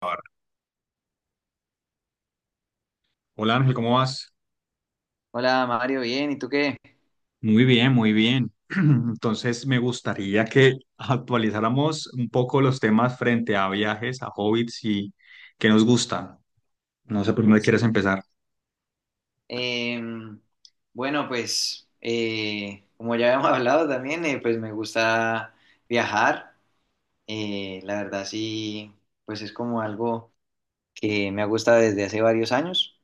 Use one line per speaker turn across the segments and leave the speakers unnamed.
Ahora. Hola Ángel, ¿cómo vas?
Hola Mario, bien, ¿y tú qué?
Muy bien, muy bien. Entonces me gustaría que actualizáramos un poco los temas frente a viajes, a hobbits y qué nos gusta. No sé por dónde quieres
Sí.
empezar.
Em, bueno, pues como ya habíamos hablado también, pues me gusta viajar. La verdad sí, pues es como algo que me ha gustado desde hace varios años.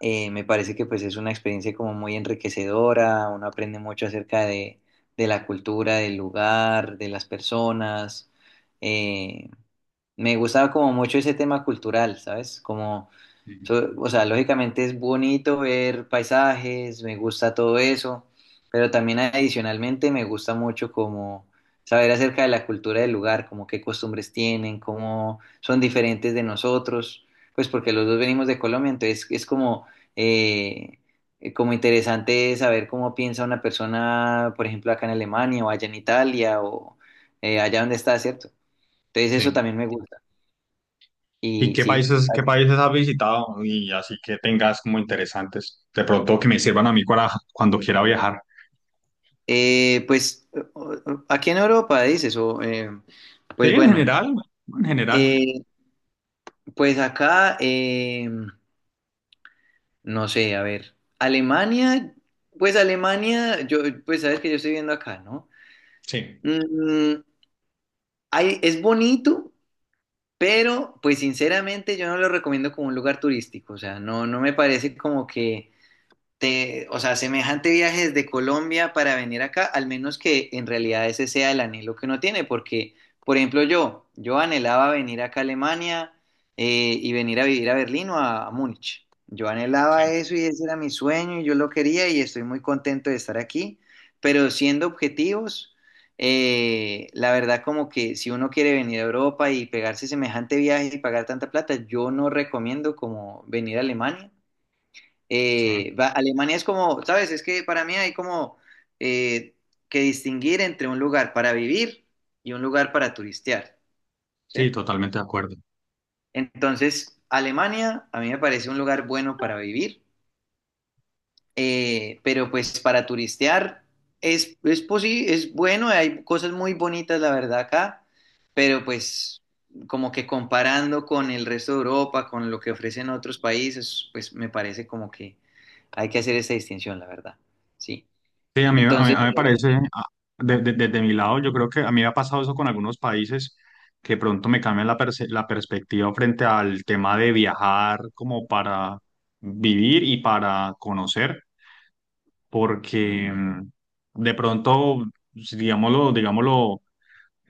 Me parece que pues es una experiencia como muy enriquecedora, uno aprende mucho de la cultura, del lugar, de las personas. Eh, me gustaba como mucho ese tema cultural, ¿sabes?
Sí.
O sea, lógicamente es bonito ver paisajes, me gusta todo eso, pero también adicionalmente me gusta mucho como saber acerca de la cultura del lugar, como qué costumbres tienen, cómo son diferentes de nosotros, pues porque los dos venimos de Colombia, entonces es eh, como interesante saber cómo piensa una persona, por ejemplo, acá en Alemania o allá en Italia o allá donde está, ¿cierto? Entonces eso
Sí.
también me gusta.
¿Y
Y sí.
qué países has visitado? Y así que tengas como interesantes, de pronto que me sirvan a mí para cuando quiera viajar.
Pues aquí en Europa dices,
Sí,
pues
en
bueno,
general, en general.
eh, pues acá, no sé, a ver, Alemania, pues Alemania, yo, pues sabes que yo estoy viviendo acá, ¿no?
Sí,
Mm, es bonito, pero pues sinceramente yo no lo recomiendo como un lugar turístico, o sea, no, no me parece como que o sea, semejante viaje desde Colombia para venir acá, al menos que en realidad ese sea el anhelo que uno tiene, porque, por ejemplo, yo anhelaba venir acá a Alemania y venir a vivir a Berlín o a Múnich. Yo
sí,
anhelaba eso y ese era mi sueño y yo lo quería y estoy muy contento de estar aquí, pero siendo objetivos, la verdad como que si uno quiere venir a Europa y pegarse semejante viaje y pagar tanta plata, yo no recomiendo como venir a Alemania
sí.
Alemania es como, ¿sabes? Es que para mí hay como eh, que distinguir entre un lugar para vivir y un lugar para turistear,
Sí,
¿sí?
totalmente de acuerdo.
Entonces, Alemania a mí me parece un lugar bueno para vivir, pero pues para turistear es bueno, hay cosas muy bonitas, la verdad, acá, pero pues como que comparando con el resto de Europa, con lo que ofrecen otros países, pues me parece como que hay que hacer esa distinción, la verdad, sí.
Sí, a mí, a mí, a
Entonces,
mí me parece, desde mi lado, yo creo que a mí me ha pasado eso con algunos países que pronto me cambian la, la perspectiva frente al tema de viajar como para vivir y para conocer, porque de pronto, si digámoslo, digámoslo,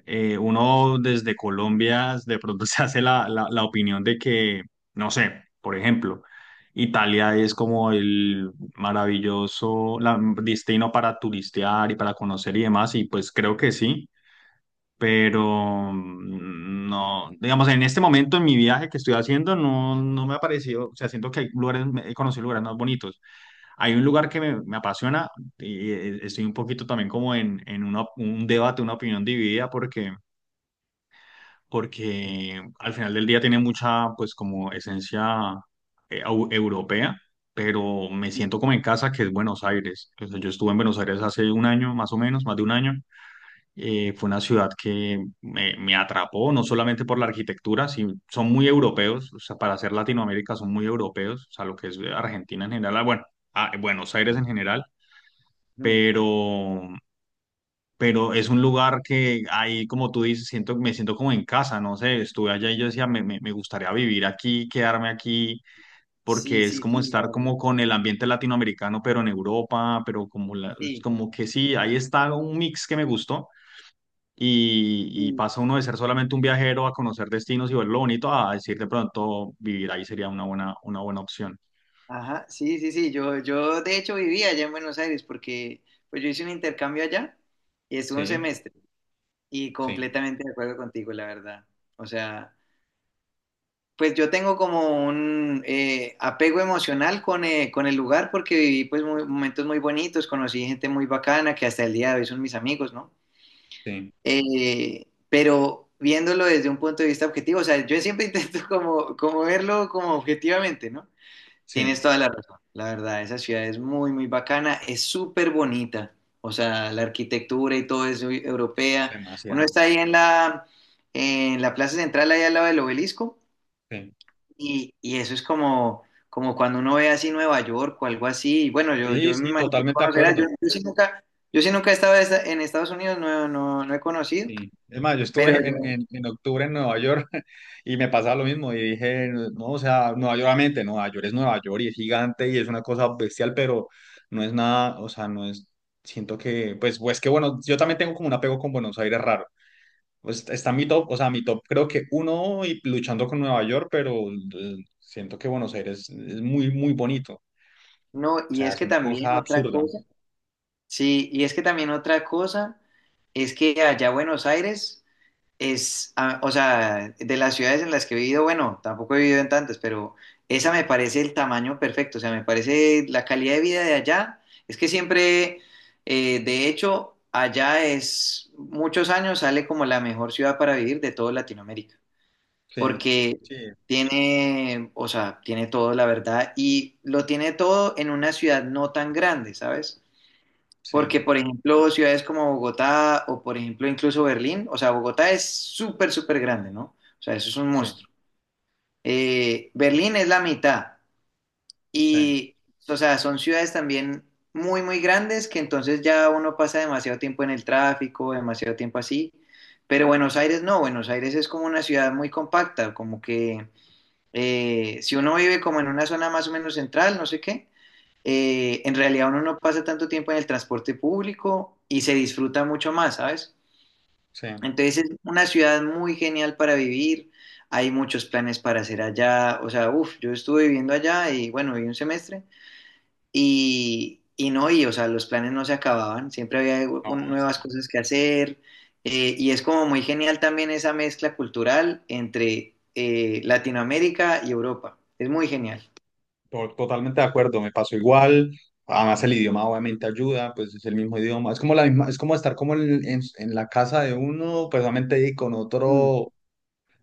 uno desde Colombia de pronto se hace la, la opinión de que, no sé, por ejemplo, Italia es como el maravilloso destino para turistear y para conocer y demás, y pues creo que sí, pero no, digamos, en este momento en mi viaje que estoy haciendo no, no me ha parecido. O sea, siento que hay lugares, he conocido lugares más bonitos. Hay un lugar que me apasiona y estoy un poquito también como en, un debate, una opinión dividida, porque
ujú,
porque al final del día tiene mucha, pues, como esencia, europea, pero me siento como en casa, que es Buenos Aires. O sea, yo estuve en Buenos Aires hace un año, más o menos, más de un año. Fue una ciudad que me atrapó, no solamente por la arquitectura, sí, son muy europeos, o sea, para ser Latinoamérica son muy europeos, o sea, lo que es Argentina en general, ah, bueno, ah, Buenos Aires en general, pero pero es un lugar que ahí, como tú dices, siento, me siento como en casa, no sé, estuve allá y yo decía, me, me gustaría vivir aquí, quedarme aquí,
sí,
porque es
sí,
como
sí, la
estar
verdad.
como con el ambiente latinoamericano, pero en Europa, pero como, la, es
Sí,
como que sí, ahí está un mix que me gustó. Y
sí,
pasa uno de ser solamente un viajero a conocer destinos y ver lo bonito a decir de pronto vivir ahí sería una buena opción.
ajá, sí, sí, sí. Yo de hecho vivía allá en Buenos Aires porque pues yo hice un intercambio allá y estuve un
Sí,
semestre y
sí,
completamente de acuerdo contigo, la verdad. O sea, pues yo tengo como un apego emocional con el lugar porque viví momentos muy bonitos, conocí gente muy bacana que hasta el día de hoy son mis amigos, ¿no?
sí,
Pero viéndolo desde un punto de vista objetivo, o sea, yo siempre intento como, como verlo como objetivamente, ¿no? Tienes
sí,
toda la razón, la verdad, esa ciudad es muy, muy bacana, es súper bonita, o sea, la arquitectura y todo es muy europea. Uno
demasiado.
está ahí en en la plaza central, ahí al lado del obelisco,
Sí,
y eso es como, como cuando uno ve así Nueva York o algo así, y bueno, yo,
sí,
yo me
sí,
imagino que
totalmente de
conocerás,
acuerdo.
yo sí nunca he estado en Estados Unidos, no, no, no he conocido,
Sí, es más, yo
pero
estuve en,
yo.
en octubre en Nueva York y me pasaba lo mismo y dije, no, o sea, Nueva York, obviamente, Nueva York es Nueva York y es gigante y es una cosa bestial, pero no es nada, o sea, no es, siento que, pues, pues que bueno, yo también tengo como un apego con Buenos Aires raro. Pues está mi top, o sea, mi top creo que uno y luchando con Nueva York, pero siento que Buenos Aires es muy, muy bonito.
No,
O
y
sea,
es
es
que
una
también
cosa
otra
absurda.
cosa, sí, y es que también otra cosa es que allá Buenos Aires ah, o sea, de las ciudades en las que he vivido, bueno, tampoco he vivido en tantas, pero esa me parece el tamaño perfecto, o sea, me parece la calidad de vida de allá, es que siempre, de hecho, allá es, muchos años sale como la mejor ciudad para vivir de toda Latinoamérica
Sí,
porque
sí,
tiene, o sea, tiene todo, la verdad, y lo tiene todo en una ciudad no tan grande, ¿sabes? Porque,
sí,
por ejemplo, ciudades como Bogotá o, por ejemplo, incluso Berlín, o sea, Bogotá es súper, súper grande, ¿no? O sea, eso es un
sí,
monstruo. Berlín es la mitad
sí,
y, o sea, son ciudades también muy, muy grandes que entonces ya uno pasa demasiado tiempo en el tráfico, demasiado tiempo así. Pero Buenos Aires no, Buenos Aires es como una ciudad muy compacta, como que si uno vive como en una zona más o menos central, no sé qué, en realidad uno no pasa tanto tiempo en el transporte público y se disfruta mucho más, ¿sabes?
sí.
Entonces es una ciudad muy genial para vivir, hay muchos planes para hacer allá, o sea, uff, yo estuve viviendo allá y bueno, viví un semestre y no, y o sea, los planes no se acababan, siempre había
No,
nuevas cosas que hacer, y es como muy genial también esa mezcla cultural entre Latinoamérica y Europa, es muy genial.
Totalmente de acuerdo, me pasó igual. Además, el idioma obviamente ayuda, pues es el mismo idioma. Es como la misma, es como estar como en, en la casa de uno, pues obviamente y con
Mm,
otro,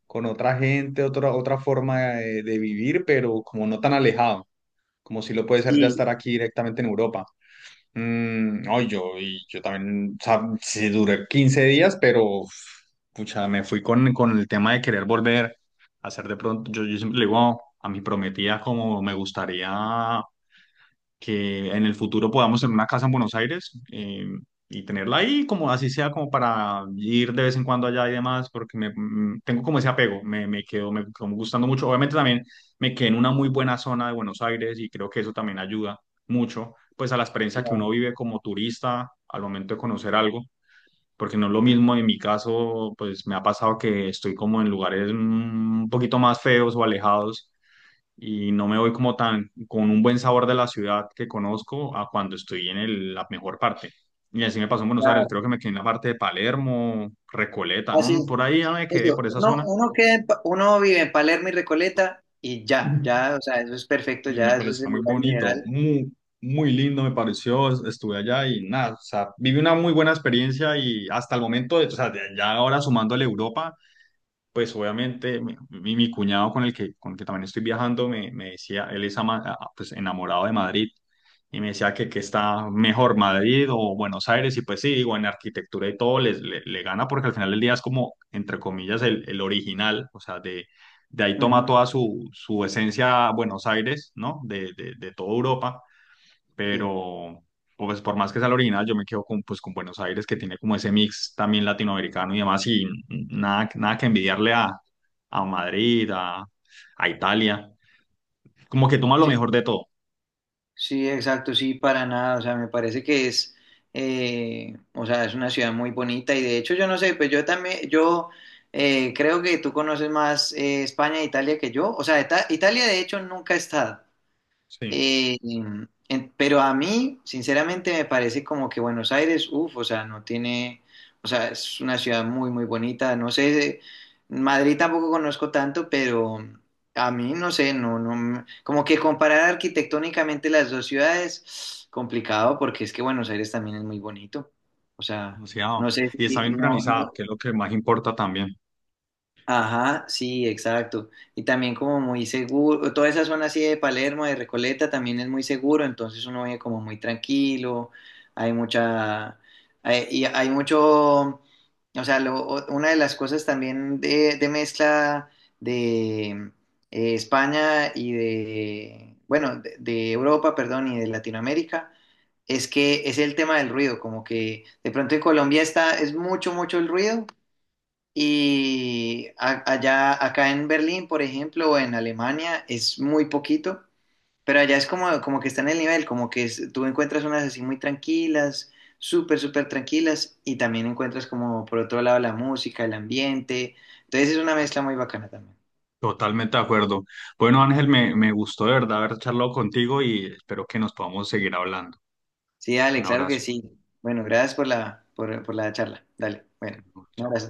con otra gente, otra, otra forma de vivir, pero como no tan alejado, como si lo puede ser ya
sí,
estar aquí directamente en Europa. Mm, no, yo, y yo también, o sea, sí duré 15 días, pero uf, pucha, me fui con el tema de querer volver a hacer de pronto. Yo siempre le digo a mi prometida como me gustaría que en el futuro podamos tener una casa en Buenos Aires, y tenerla ahí, como así sea, como para ir de vez en cuando allá y demás, porque me, tengo como ese apego, me quedo, me como gustando mucho. Obviamente también me quedé en una muy buena zona de Buenos Aires y creo que eso también ayuda mucho, pues a la experiencia que uno
claro.
vive como turista al momento de conocer algo. Porque no es lo
Mm,
mismo en mi caso, pues me ha pasado que estoy como en lugares, un poquito más feos o alejados y no me voy como tan con un buen sabor de la ciudad que conozco a cuando estoy en la mejor parte. Y así me pasó en Buenos Aires,
claro.
creo que me quedé en la parte de Palermo, Recoleta,
Así
¿no?
es.
Por ahí ya me quedé,
Eso,
por esa zona.
queda en uno vive en Palermo y Recoleta y ya, ya, o sea, eso es perfecto,
Y me
ya, eso es
pareció
el
muy
lugar
bonito,
ideal.
muy, muy lindo me pareció, estuve allá y nada, o sea, viví una muy buena experiencia y hasta el momento, o sea, ya ahora sumándole Europa, pues obviamente mi, mi cuñado con el que también estoy viajando me, me decía, él es pues, enamorado de Madrid y me decía que está mejor Madrid o Buenos Aires y pues sí, digo, en arquitectura y todo les, le gana porque al final del día es como, entre comillas, el original, o sea, de ahí toma
Ujú,
toda su, su esencia Buenos Aires, ¿no? De, de toda Europa,
sí,
pero pues por más que sea la original, yo me quedo con, pues, con Buenos Aires, que tiene como ese mix también latinoamericano y demás, y nada, nada que envidiarle a Madrid, a Italia, como que toma lo
sí,
mejor de todo.
sí, exacto, sí, para nada, o sea, me parece que o sea, es una ciudad muy bonita y de hecho yo no sé, pues yo también, yo creo que tú conoces más España e Italia que yo, o sea, Italia de hecho nunca he estado,
Sí,
pero a mí, sinceramente, me parece como que Buenos Aires, uff, o sea, no tiene, o sea, es una ciudad muy, muy bonita. No sé, Madrid tampoco conozco tanto, pero a mí, no sé, no, no, como que comparar arquitectónicamente las dos ciudades, complicado, porque es que Buenos Aires también es muy bonito. O sea, no
demasiado
sé
y está
si,
bien
no.
organizada, que es lo que más importa también.
Ajá, sí, exacto. Y también como muy seguro, toda esa zona así de Palermo, de Recoleta, también es muy seguro, entonces uno vive como muy tranquilo, hay mucha, hay, y hay mucho, o sea, una de las cosas también de mezcla de España y de, bueno, de Europa, perdón, y de Latinoamérica es que es el tema del ruido, como que de pronto en Colombia está, es mucho, mucho el ruido, y allá, acá en Berlín, por ejemplo, o en Alemania, es muy poquito, pero allá es como, como que está en el nivel, como que tú encuentras unas así muy tranquilas, súper, súper tranquilas, y también encuentras como por otro lado la música, el ambiente. Entonces es una mezcla muy bacana también.
Totalmente de acuerdo. Bueno, Ángel, me gustó de verdad haber charlado contigo y espero que nos podamos seguir hablando.
Sí, dale,
Un
claro que
abrazo.
sí. Bueno, gracias por por la charla. Dale, bueno, un
Chao.
abrazo.